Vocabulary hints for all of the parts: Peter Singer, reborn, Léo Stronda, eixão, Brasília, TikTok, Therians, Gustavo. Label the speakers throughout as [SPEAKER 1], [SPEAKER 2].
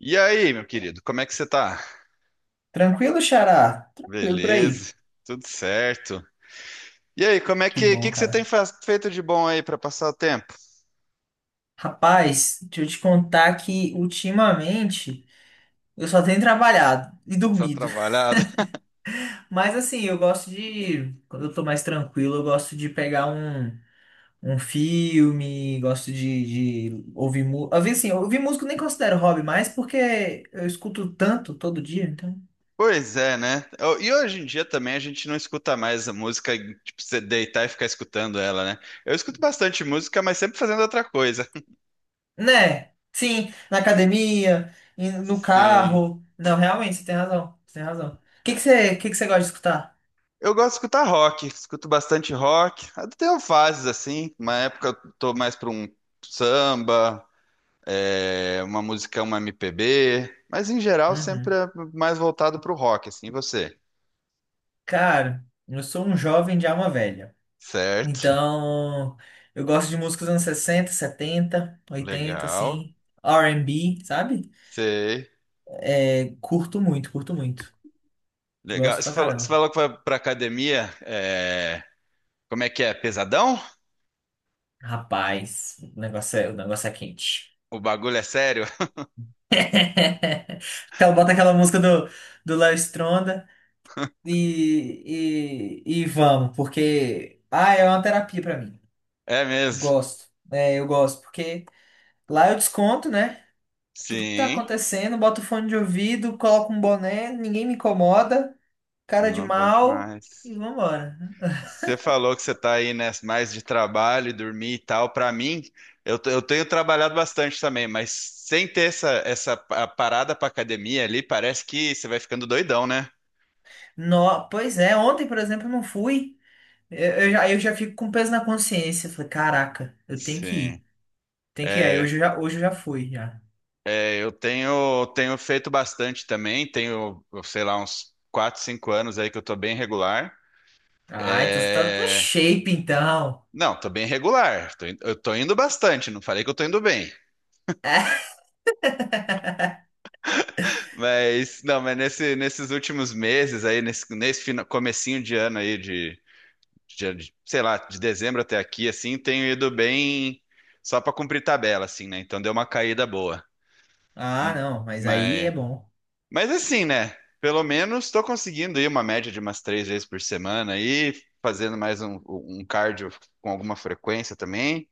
[SPEAKER 1] E aí, meu querido, como é que você tá?
[SPEAKER 2] Tranquilo, Xará? Tranquilo por aí.
[SPEAKER 1] Beleza, tudo certo. E aí, como é
[SPEAKER 2] Que
[SPEAKER 1] que, que,
[SPEAKER 2] bom,
[SPEAKER 1] que você tem
[SPEAKER 2] cara.
[SPEAKER 1] feito de bom aí pra passar o tempo?
[SPEAKER 2] Rapaz, deixa eu te contar que ultimamente eu só tenho trabalhado e
[SPEAKER 1] Só
[SPEAKER 2] dormido.
[SPEAKER 1] trabalhado?
[SPEAKER 2] Mas assim, eu gosto de. Quando eu tô mais tranquilo, eu gosto de pegar um filme, gosto de ouvir música. Às vezes, assim, ouvir música eu nem considero hobby mais porque eu escuto tanto todo dia, então.
[SPEAKER 1] Pois é, né? E hoje em dia também a gente não escuta mais a música, tipo, você deitar e ficar escutando ela, né? Eu escuto bastante música, mas sempre fazendo outra coisa.
[SPEAKER 2] Né? Sim, na academia, no
[SPEAKER 1] Sim.
[SPEAKER 2] carro. Não, realmente, você tem razão. Você tem razão. O que que você gosta de escutar?
[SPEAKER 1] Eu gosto de escutar rock, escuto bastante rock. Eu tenho fases assim, uma época eu tô mais pra um samba, é, uma música, uma MPB, mas em geral sempre
[SPEAKER 2] Uhum.
[SPEAKER 1] é mais voltado para o rock, assim, e você.
[SPEAKER 2] Cara, eu sou um jovem de alma velha.
[SPEAKER 1] Certo,
[SPEAKER 2] Então, eu gosto de músicas dos anos 60, 70, 80,
[SPEAKER 1] legal,
[SPEAKER 2] assim. R&B, sabe?
[SPEAKER 1] sei,
[SPEAKER 2] É, curto muito, curto muito.
[SPEAKER 1] legal.
[SPEAKER 2] Gosto pra
[SPEAKER 1] Você
[SPEAKER 2] caramba.
[SPEAKER 1] falou que foi para academia, é, como é que é, pesadão?
[SPEAKER 2] Rapaz, o negócio é quente.
[SPEAKER 1] O bagulho é sério?
[SPEAKER 2] Ela bota aquela música do Léo Stronda e vamos, porque. Ah, é uma terapia pra mim.
[SPEAKER 1] É mesmo,
[SPEAKER 2] Gosto. É, eu gosto, porque lá eu desconto, né? Tudo que tá
[SPEAKER 1] sim,
[SPEAKER 2] acontecendo, boto fone de ouvido, coloco um boné, ninguém me incomoda, cara de
[SPEAKER 1] não, bom
[SPEAKER 2] mal
[SPEAKER 1] demais.
[SPEAKER 2] e vambora.
[SPEAKER 1] Você falou que você está aí, né, mais de trabalho, e dormir e tal. Para mim, eu tenho trabalhado bastante também, mas sem ter essa, essa parada para academia ali, parece que você vai ficando doidão, né?
[SPEAKER 2] No, pois é, ontem, por exemplo, eu não fui. Eu já fico com peso na consciência. Falei, caraca, eu tenho que
[SPEAKER 1] Sim.
[SPEAKER 2] ir. Tem que ir. Aí
[SPEAKER 1] É,
[SPEAKER 2] hoje eu já fui, já.
[SPEAKER 1] é, eu tenho, tenho feito bastante também, tenho, sei lá, uns 4, 5 anos aí que eu tô bem regular.
[SPEAKER 2] Ah, então você tá no
[SPEAKER 1] É,
[SPEAKER 2] shape, então.
[SPEAKER 1] não, tô bem regular, eu tô indo bastante, não falei que eu tô indo bem.
[SPEAKER 2] É.
[SPEAKER 1] Mas, não, mas nesses últimos meses aí, nesse, nesse comecinho de ano aí, de, sei lá, de dezembro até aqui, assim, tenho ido bem só pra cumprir tabela, assim, né? Então deu uma caída boa.
[SPEAKER 2] Ah, não, mas aí é
[SPEAKER 1] Mas,
[SPEAKER 2] bom.
[SPEAKER 1] mas assim, né? Pelo menos tô conseguindo ir uma média de umas três vezes por semana aí, fazendo mais um, um cardio com alguma frequência também,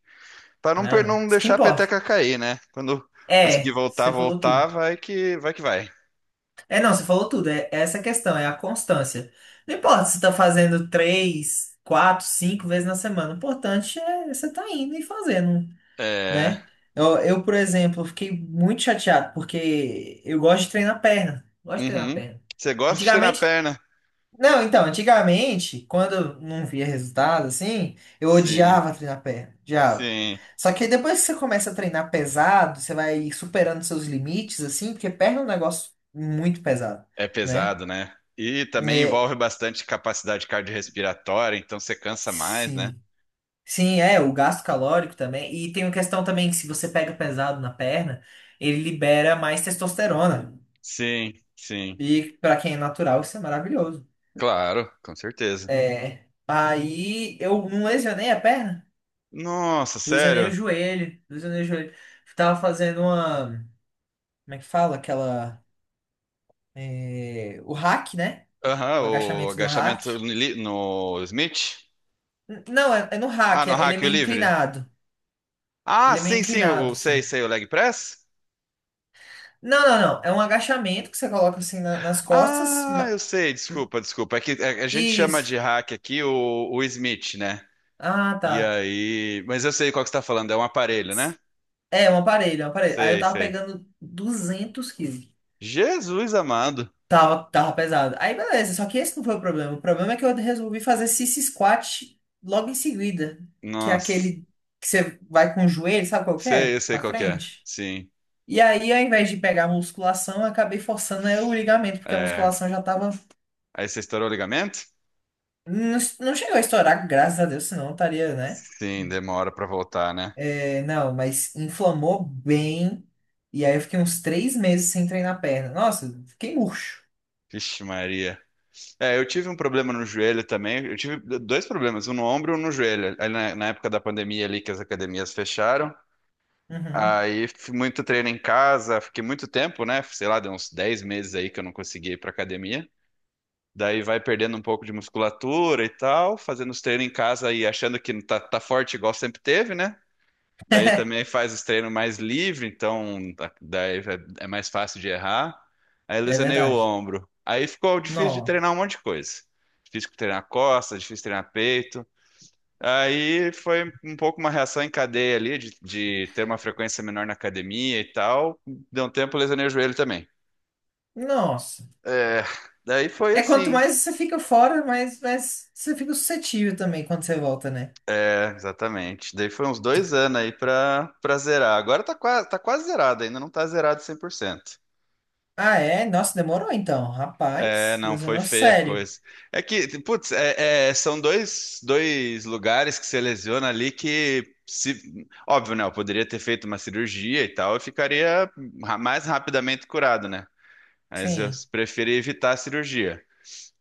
[SPEAKER 1] pra não,
[SPEAKER 2] Ah, não.
[SPEAKER 1] não
[SPEAKER 2] Isso que
[SPEAKER 1] deixar a
[SPEAKER 2] importa.
[SPEAKER 1] peteca cair, né? Quando conseguir
[SPEAKER 2] É,
[SPEAKER 1] voltar,
[SPEAKER 2] você falou tudo.
[SPEAKER 1] voltar, vai que vai que vai.
[SPEAKER 2] É, não, você falou tudo. É essa questão, é a constância. Não importa se você tá fazendo três, quatro, cinco vezes na semana. O importante é você tá indo e fazendo,
[SPEAKER 1] É.
[SPEAKER 2] né? Eu, por exemplo, fiquei muito chateado porque eu gosto de treinar perna. Gosto de treinar
[SPEAKER 1] Uhum.
[SPEAKER 2] perna.
[SPEAKER 1] Você gosta de estender na
[SPEAKER 2] Antigamente
[SPEAKER 1] perna?
[SPEAKER 2] não, então, antigamente, quando eu não via resultado, assim, eu
[SPEAKER 1] Sim,
[SPEAKER 2] odiava treinar perna, odiava.
[SPEAKER 1] sim.
[SPEAKER 2] Só que aí depois que você começa a treinar pesado, você vai superando seus limites, assim, porque perna é um negócio muito pesado,
[SPEAKER 1] É
[SPEAKER 2] né?
[SPEAKER 1] pesado, né? E também
[SPEAKER 2] É,
[SPEAKER 1] envolve bastante capacidade cardiorrespiratória, então você cansa mais, né?
[SPEAKER 2] sim. Sim, é, o gasto calórico também. E tem uma questão também que se você pega pesado na perna, ele libera mais testosterona.
[SPEAKER 1] Sim, sim.
[SPEAKER 2] E pra quem é natural, isso é maravilhoso.
[SPEAKER 1] Claro, com certeza.
[SPEAKER 2] É. Aí eu não lesionei a perna.
[SPEAKER 1] Nossa,
[SPEAKER 2] Lesionei o
[SPEAKER 1] sério?
[SPEAKER 2] joelho, lesionei o joelho. Tava fazendo uma. Como é que fala? Aquela. É, o hack, né?
[SPEAKER 1] Aham,
[SPEAKER 2] O
[SPEAKER 1] o
[SPEAKER 2] agachamento no hack.
[SPEAKER 1] agachamento no, no Smith?
[SPEAKER 2] Não, é no
[SPEAKER 1] Ah,
[SPEAKER 2] hack,
[SPEAKER 1] no
[SPEAKER 2] ele é
[SPEAKER 1] hack o
[SPEAKER 2] meio
[SPEAKER 1] livre?
[SPEAKER 2] inclinado.
[SPEAKER 1] Ah,
[SPEAKER 2] Ele é meio
[SPEAKER 1] sim, sim, o,
[SPEAKER 2] inclinado,
[SPEAKER 1] sei,
[SPEAKER 2] assim.
[SPEAKER 1] sei, o leg press?
[SPEAKER 2] Não, não, não. É um agachamento que você coloca assim nas costas.
[SPEAKER 1] Ah, eu sei, desculpa, desculpa. É que a gente chama
[SPEAKER 2] Isso.
[SPEAKER 1] de hack aqui o Smith, né?
[SPEAKER 2] Ah,
[SPEAKER 1] E
[SPEAKER 2] tá.
[SPEAKER 1] aí. Mas eu sei qual que você tá falando, é um aparelho, né?
[SPEAKER 2] É, um aparelho, é um aparelho. Aí eu
[SPEAKER 1] Sei,
[SPEAKER 2] tava
[SPEAKER 1] sei.
[SPEAKER 2] pegando 200 quilos.
[SPEAKER 1] Jesus amado.
[SPEAKER 2] Tava pesado. Aí beleza, só que esse não foi o problema. O problema é que eu resolvi fazer sissy squat logo em seguida, que é
[SPEAKER 1] Nossa.
[SPEAKER 2] aquele que você vai com o joelho, sabe qual que
[SPEAKER 1] Sei, eu
[SPEAKER 2] é?
[SPEAKER 1] sei
[SPEAKER 2] Pra
[SPEAKER 1] qual que é.
[SPEAKER 2] frente.
[SPEAKER 1] Sim.
[SPEAKER 2] E aí, ao invés de pegar a musculação, eu acabei forçando né, o ligamento, porque a
[SPEAKER 1] É.
[SPEAKER 2] musculação já tava.
[SPEAKER 1] Aí você estourou o ligamento?
[SPEAKER 2] Não, não chegou a estourar, graças a Deus, senão eu estaria, né?
[SPEAKER 1] Sim, demora pra voltar, né?
[SPEAKER 2] É, não, mas inflamou bem. E aí eu fiquei uns 3 meses sem treinar a perna. Nossa, fiquei murcho.
[SPEAKER 1] Vixe, Maria. É, eu tive um problema no joelho também. Eu tive dois problemas, um no ombro e um no joelho. Aí na época da pandemia ali que as academias fecharam.
[SPEAKER 2] Uhum,
[SPEAKER 1] Aí fiz muito treino em casa, fiquei muito tempo, né? Sei lá, deu uns 10 meses aí que eu não consegui ir pra academia. Daí vai perdendo um pouco de musculatura e tal, fazendo os treinos em casa e achando que tá, tá forte igual sempre teve, né? Daí também faz os treinos mais livre, então daí é mais fácil de errar. Aí
[SPEAKER 2] é
[SPEAKER 1] lesionei o
[SPEAKER 2] verdade.
[SPEAKER 1] ombro. Aí ficou difícil de
[SPEAKER 2] Nossa.
[SPEAKER 1] treinar um monte de coisa. Difícil treinar costas, difícil treinar peito. Aí foi um pouco uma reação em cadeia ali, de ter uma frequência menor na academia e tal. Deu um tempo, lesionei o joelho também.
[SPEAKER 2] Nossa.
[SPEAKER 1] É, daí foi
[SPEAKER 2] É quanto
[SPEAKER 1] assim.
[SPEAKER 2] mais você fica fora, mais você fica suscetível também quando você volta, né?
[SPEAKER 1] É, exatamente. Daí foi uns dois anos aí pra, pra zerar. Agora tá quase zerado, ainda não tá zerado 100%.
[SPEAKER 2] Ah, é? Nossa, demorou então.
[SPEAKER 1] É,
[SPEAKER 2] Rapaz,
[SPEAKER 1] não, foi
[SPEAKER 2] lesionou
[SPEAKER 1] feia a
[SPEAKER 2] sério.
[SPEAKER 1] coisa. É que, putz, é, são dois, dois lugares que você lesiona ali que, se, óbvio, né? Eu poderia ter feito uma cirurgia e tal, eu ficaria mais rapidamente curado, né? Mas eu
[SPEAKER 2] Sim.
[SPEAKER 1] preferi evitar a cirurgia.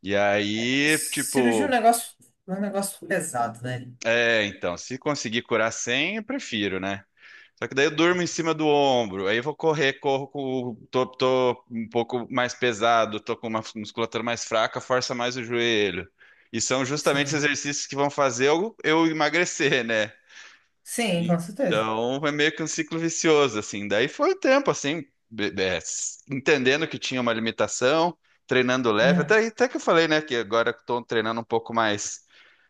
[SPEAKER 1] E aí,
[SPEAKER 2] Cirurgia
[SPEAKER 1] tipo,
[SPEAKER 2] é um negócio pesado, né?
[SPEAKER 1] é, então, se conseguir curar sem, eu prefiro, né? Só que daí eu durmo em cima do ombro, aí eu vou correr, corro com tô, tô um pouco mais pesado, tô com uma musculatura mais fraca, força mais o joelho. E são justamente os
[SPEAKER 2] Sim.
[SPEAKER 1] exercícios que vão fazer eu emagrecer, né?
[SPEAKER 2] Sim, com certeza.
[SPEAKER 1] Então é meio que um ciclo vicioso, assim. Daí foi o tempo, assim, be- be- entendendo que tinha uma limitação, treinando leve,
[SPEAKER 2] Uhum.
[SPEAKER 1] até, até que eu falei, né, que agora estou treinando um pouco mais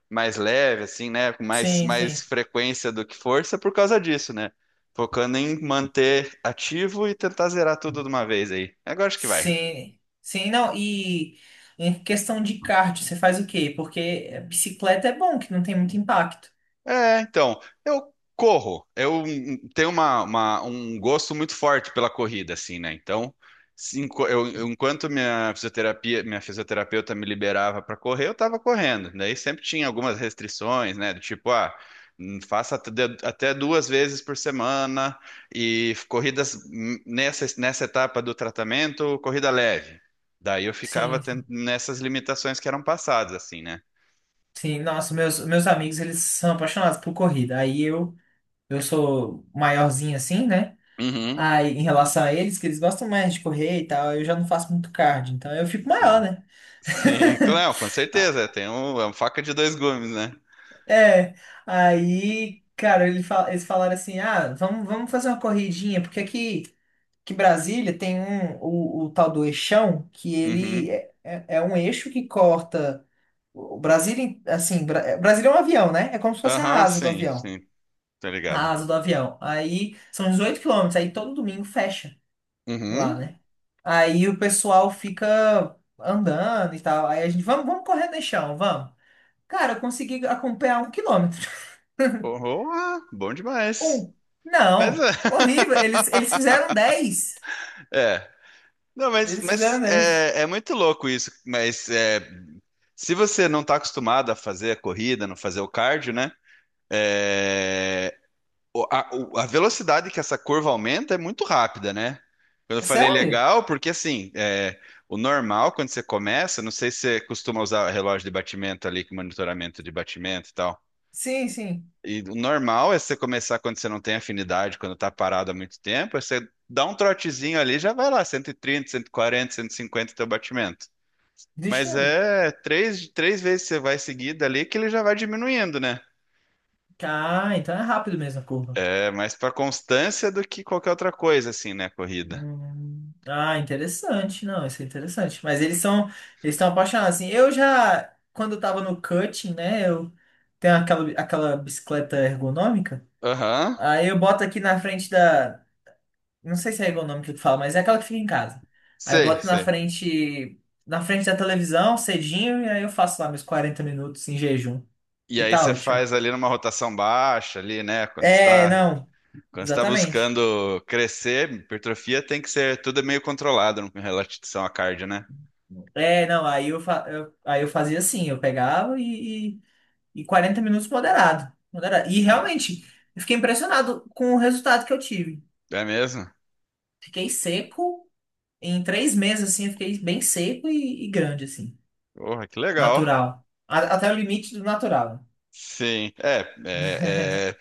[SPEAKER 1] mais leve, assim, né? Com mais,
[SPEAKER 2] Sim,
[SPEAKER 1] mais
[SPEAKER 2] sim.
[SPEAKER 1] frequência do que força por causa disso, né? Focando em manter ativo e tentar zerar tudo de uma vez aí. Agora acho que vai.
[SPEAKER 2] Sim. Sim, não. E em questão de cardio, você faz o quê? Porque bicicleta é bom, que não tem muito impacto.
[SPEAKER 1] É, então, eu corro. Eu tenho uma, um gosto muito forte pela corrida, assim, né? Então, se enqu- eu- enquanto minha fisioterapia, minha fisioterapeuta me liberava para correr, eu tava correndo. Daí sempre tinha algumas restrições, né? Do tipo, ah, faça até até duas vezes por semana e corridas nessa, nessa etapa do tratamento, corrida leve. Daí eu ficava
[SPEAKER 2] Sim, sim.
[SPEAKER 1] nessas limitações que eram passadas, assim, né?
[SPEAKER 2] Sim, Nossa, meus amigos, eles são apaixonados por corrida. Aí eu. Eu sou maiorzinho assim, né?
[SPEAKER 1] Uhum.
[SPEAKER 2] Aí, em relação a eles, que eles gostam mais de correr e tal, eu já não faço muito cardio, então eu fico maior,
[SPEAKER 1] Sim.
[SPEAKER 2] né?
[SPEAKER 1] Sim, claro, com certeza. Tem um, é uma faca de dois gumes, né?
[SPEAKER 2] É, aí, cara, eles falaram assim, ah, vamos fazer uma corridinha, porque aqui que Brasília tem o tal do eixão, que
[SPEAKER 1] Uhum.
[SPEAKER 2] ele é um eixo que corta o Brasília, assim, é, Brasília é um avião, né? É como se fosse a
[SPEAKER 1] Aham,
[SPEAKER 2] asa do
[SPEAKER 1] sim,
[SPEAKER 2] avião,
[SPEAKER 1] sim, tá
[SPEAKER 2] a
[SPEAKER 1] ligado.
[SPEAKER 2] asa do avião. Aí são 18 quilômetros, aí todo domingo fecha. Lá,
[SPEAKER 1] Uhum.
[SPEAKER 2] né? Aí o pessoal fica andando e tal. Aí a gente, vamos correr no chão, vamos. Cara, eu consegui acompanhar 1 quilômetro.
[SPEAKER 1] Oh, ah, bom demais.
[SPEAKER 2] Um.
[SPEAKER 1] Mas é.
[SPEAKER 2] Não. Horrível. Eles fizeram 10.
[SPEAKER 1] É. Não,
[SPEAKER 2] Eles
[SPEAKER 1] mas
[SPEAKER 2] fizeram 10.
[SPEAKER 1] é, é muito louco isso. Mas é, se você não tá acostumado a fazer a corrida, não fazer o cardio, né? É, a velocidade que essa curva aumenta é muito rápida, né? Quando eu falei
[SPEAKER 2] Sério?
[SPEAKER 1] legal, porque assim, é, o normal, quando você começa, não sei se você costuma usar relógio de batimento ali, com monitoramento de batimento e tal.
[SPEAKER 2] Sim, sim.
[SPEAKER 1] E o normal é você começar quando você não tem afinidade, quando tá parado há muito tempo, é você dá um trotezinho ali, já vai lá, cento e trinta, cento e quarenta, cento e cinquenta teu batimento.
[SPEAKER 2] Deixa
[SPEAKER 1] Mas
[SPEAKER 2] eu ver.
[SPEAKER 1] é três, três vezes você vai seguida ali que ele já vai diminuindo, né?
[SPEAKER 2] Ah, então é rápido mesmo a curva.
[SPEAKER 1] É mais pra constância do que qualquer outra coisa, assim, né, corrida.
[SPEAKER 2] Hum. Ah, interessante. Não, isso é interessante. Mas eles são, eles estão apaixonados. Assim, quando eu tava no cutting, né? Eu tenho aquela bicicleta ergonômica.
[SPEAKER 1] Aham.
[SPEAKER 2] Aí eu boto aqui na frente da. Não sei se é ergonômica que fala, mas é aquela que fica em casa. Aí eu
[SPEAKER 1] Sei,
[SPEAKER 2] boto na
[SPEAKER 1] sei.
[SPEAKER 2] frente. Na frente da televisão, cedinho, e aí eu faço lá meus 40 minutos em jejum.
[SPEAKER 1] E
[SPEAKER 2] E
[SPEAKER 1] aí
[SPEAKER 2] tá
[SPEAKER 1] você
[SPEAKER 2] ótimo.
[SPEAKER 1] faz ali numa rotação baixa ali, né?
[SPEAKER 2] É, não,
[SPEAKER 1] Quando está
[SPEAKER 2] exatamente.
[SPEAKER 1] buscando crescer, hipertrofia tem que ser tudo é meio controlado em relação à cardio, né?
[SPEAKER 2] É, não, aí eu fazia assim, eu pegava e 40 minutos moderado, moderado. E
[SPEAKER 1] Sim.
[SPEAKER 2] realmente, eu fiquei impressionado com o resultado que eu tive.
[SPEAKER 1] É mesmo?
[SPEAKER 2] Fiquei seco, em 3 meses, assim, eu fiquei bem seco e grande, assim.
[SPEAKER 1] Porra, que legal.
[SPEAKER 2] Natural. Até o limite do natural,
[SPEAKER 1] Sim. É, é,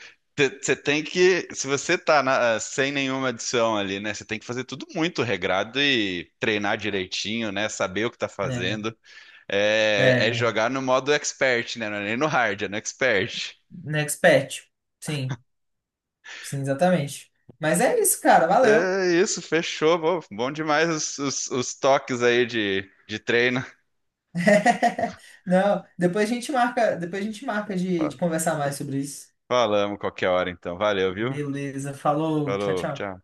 [SPEAKER 1] você tem que, se você tá sem nenhuma adição ali, né? Você tem que fazer tudo muito regrado e treinar direitinho, né? Saber o que tá
[SPEAKER 2] né?
[SPEAKER 1] fazendo. É, é
[SPEAKER 2] É,
[SPEAKER 1] jogar no modo expert, né? Não é nem no hard, é no expert.
[SPEAKER 2] né, expert. Sim, sim, exatamente. Mas é isso, cara. Valeu.
[SPEAKER 1] É isso, fechou. Bom, bom demais os, os toques aí de treino.
[SPEAKER 2] Não, depois a gente marca de
[SPEAKER 1] Fa-
[SPEAKER 2] conversar mais sobre isso.
[SPEAKER 1] Falamos qualquer hora, então. Valeu, viu?
[SPEAKER 2] Beleza, falou, tchau,
[SPEAKER 1] Falou,
[SPEAKER 2] tchau.
[SPEAKER 1] tchau.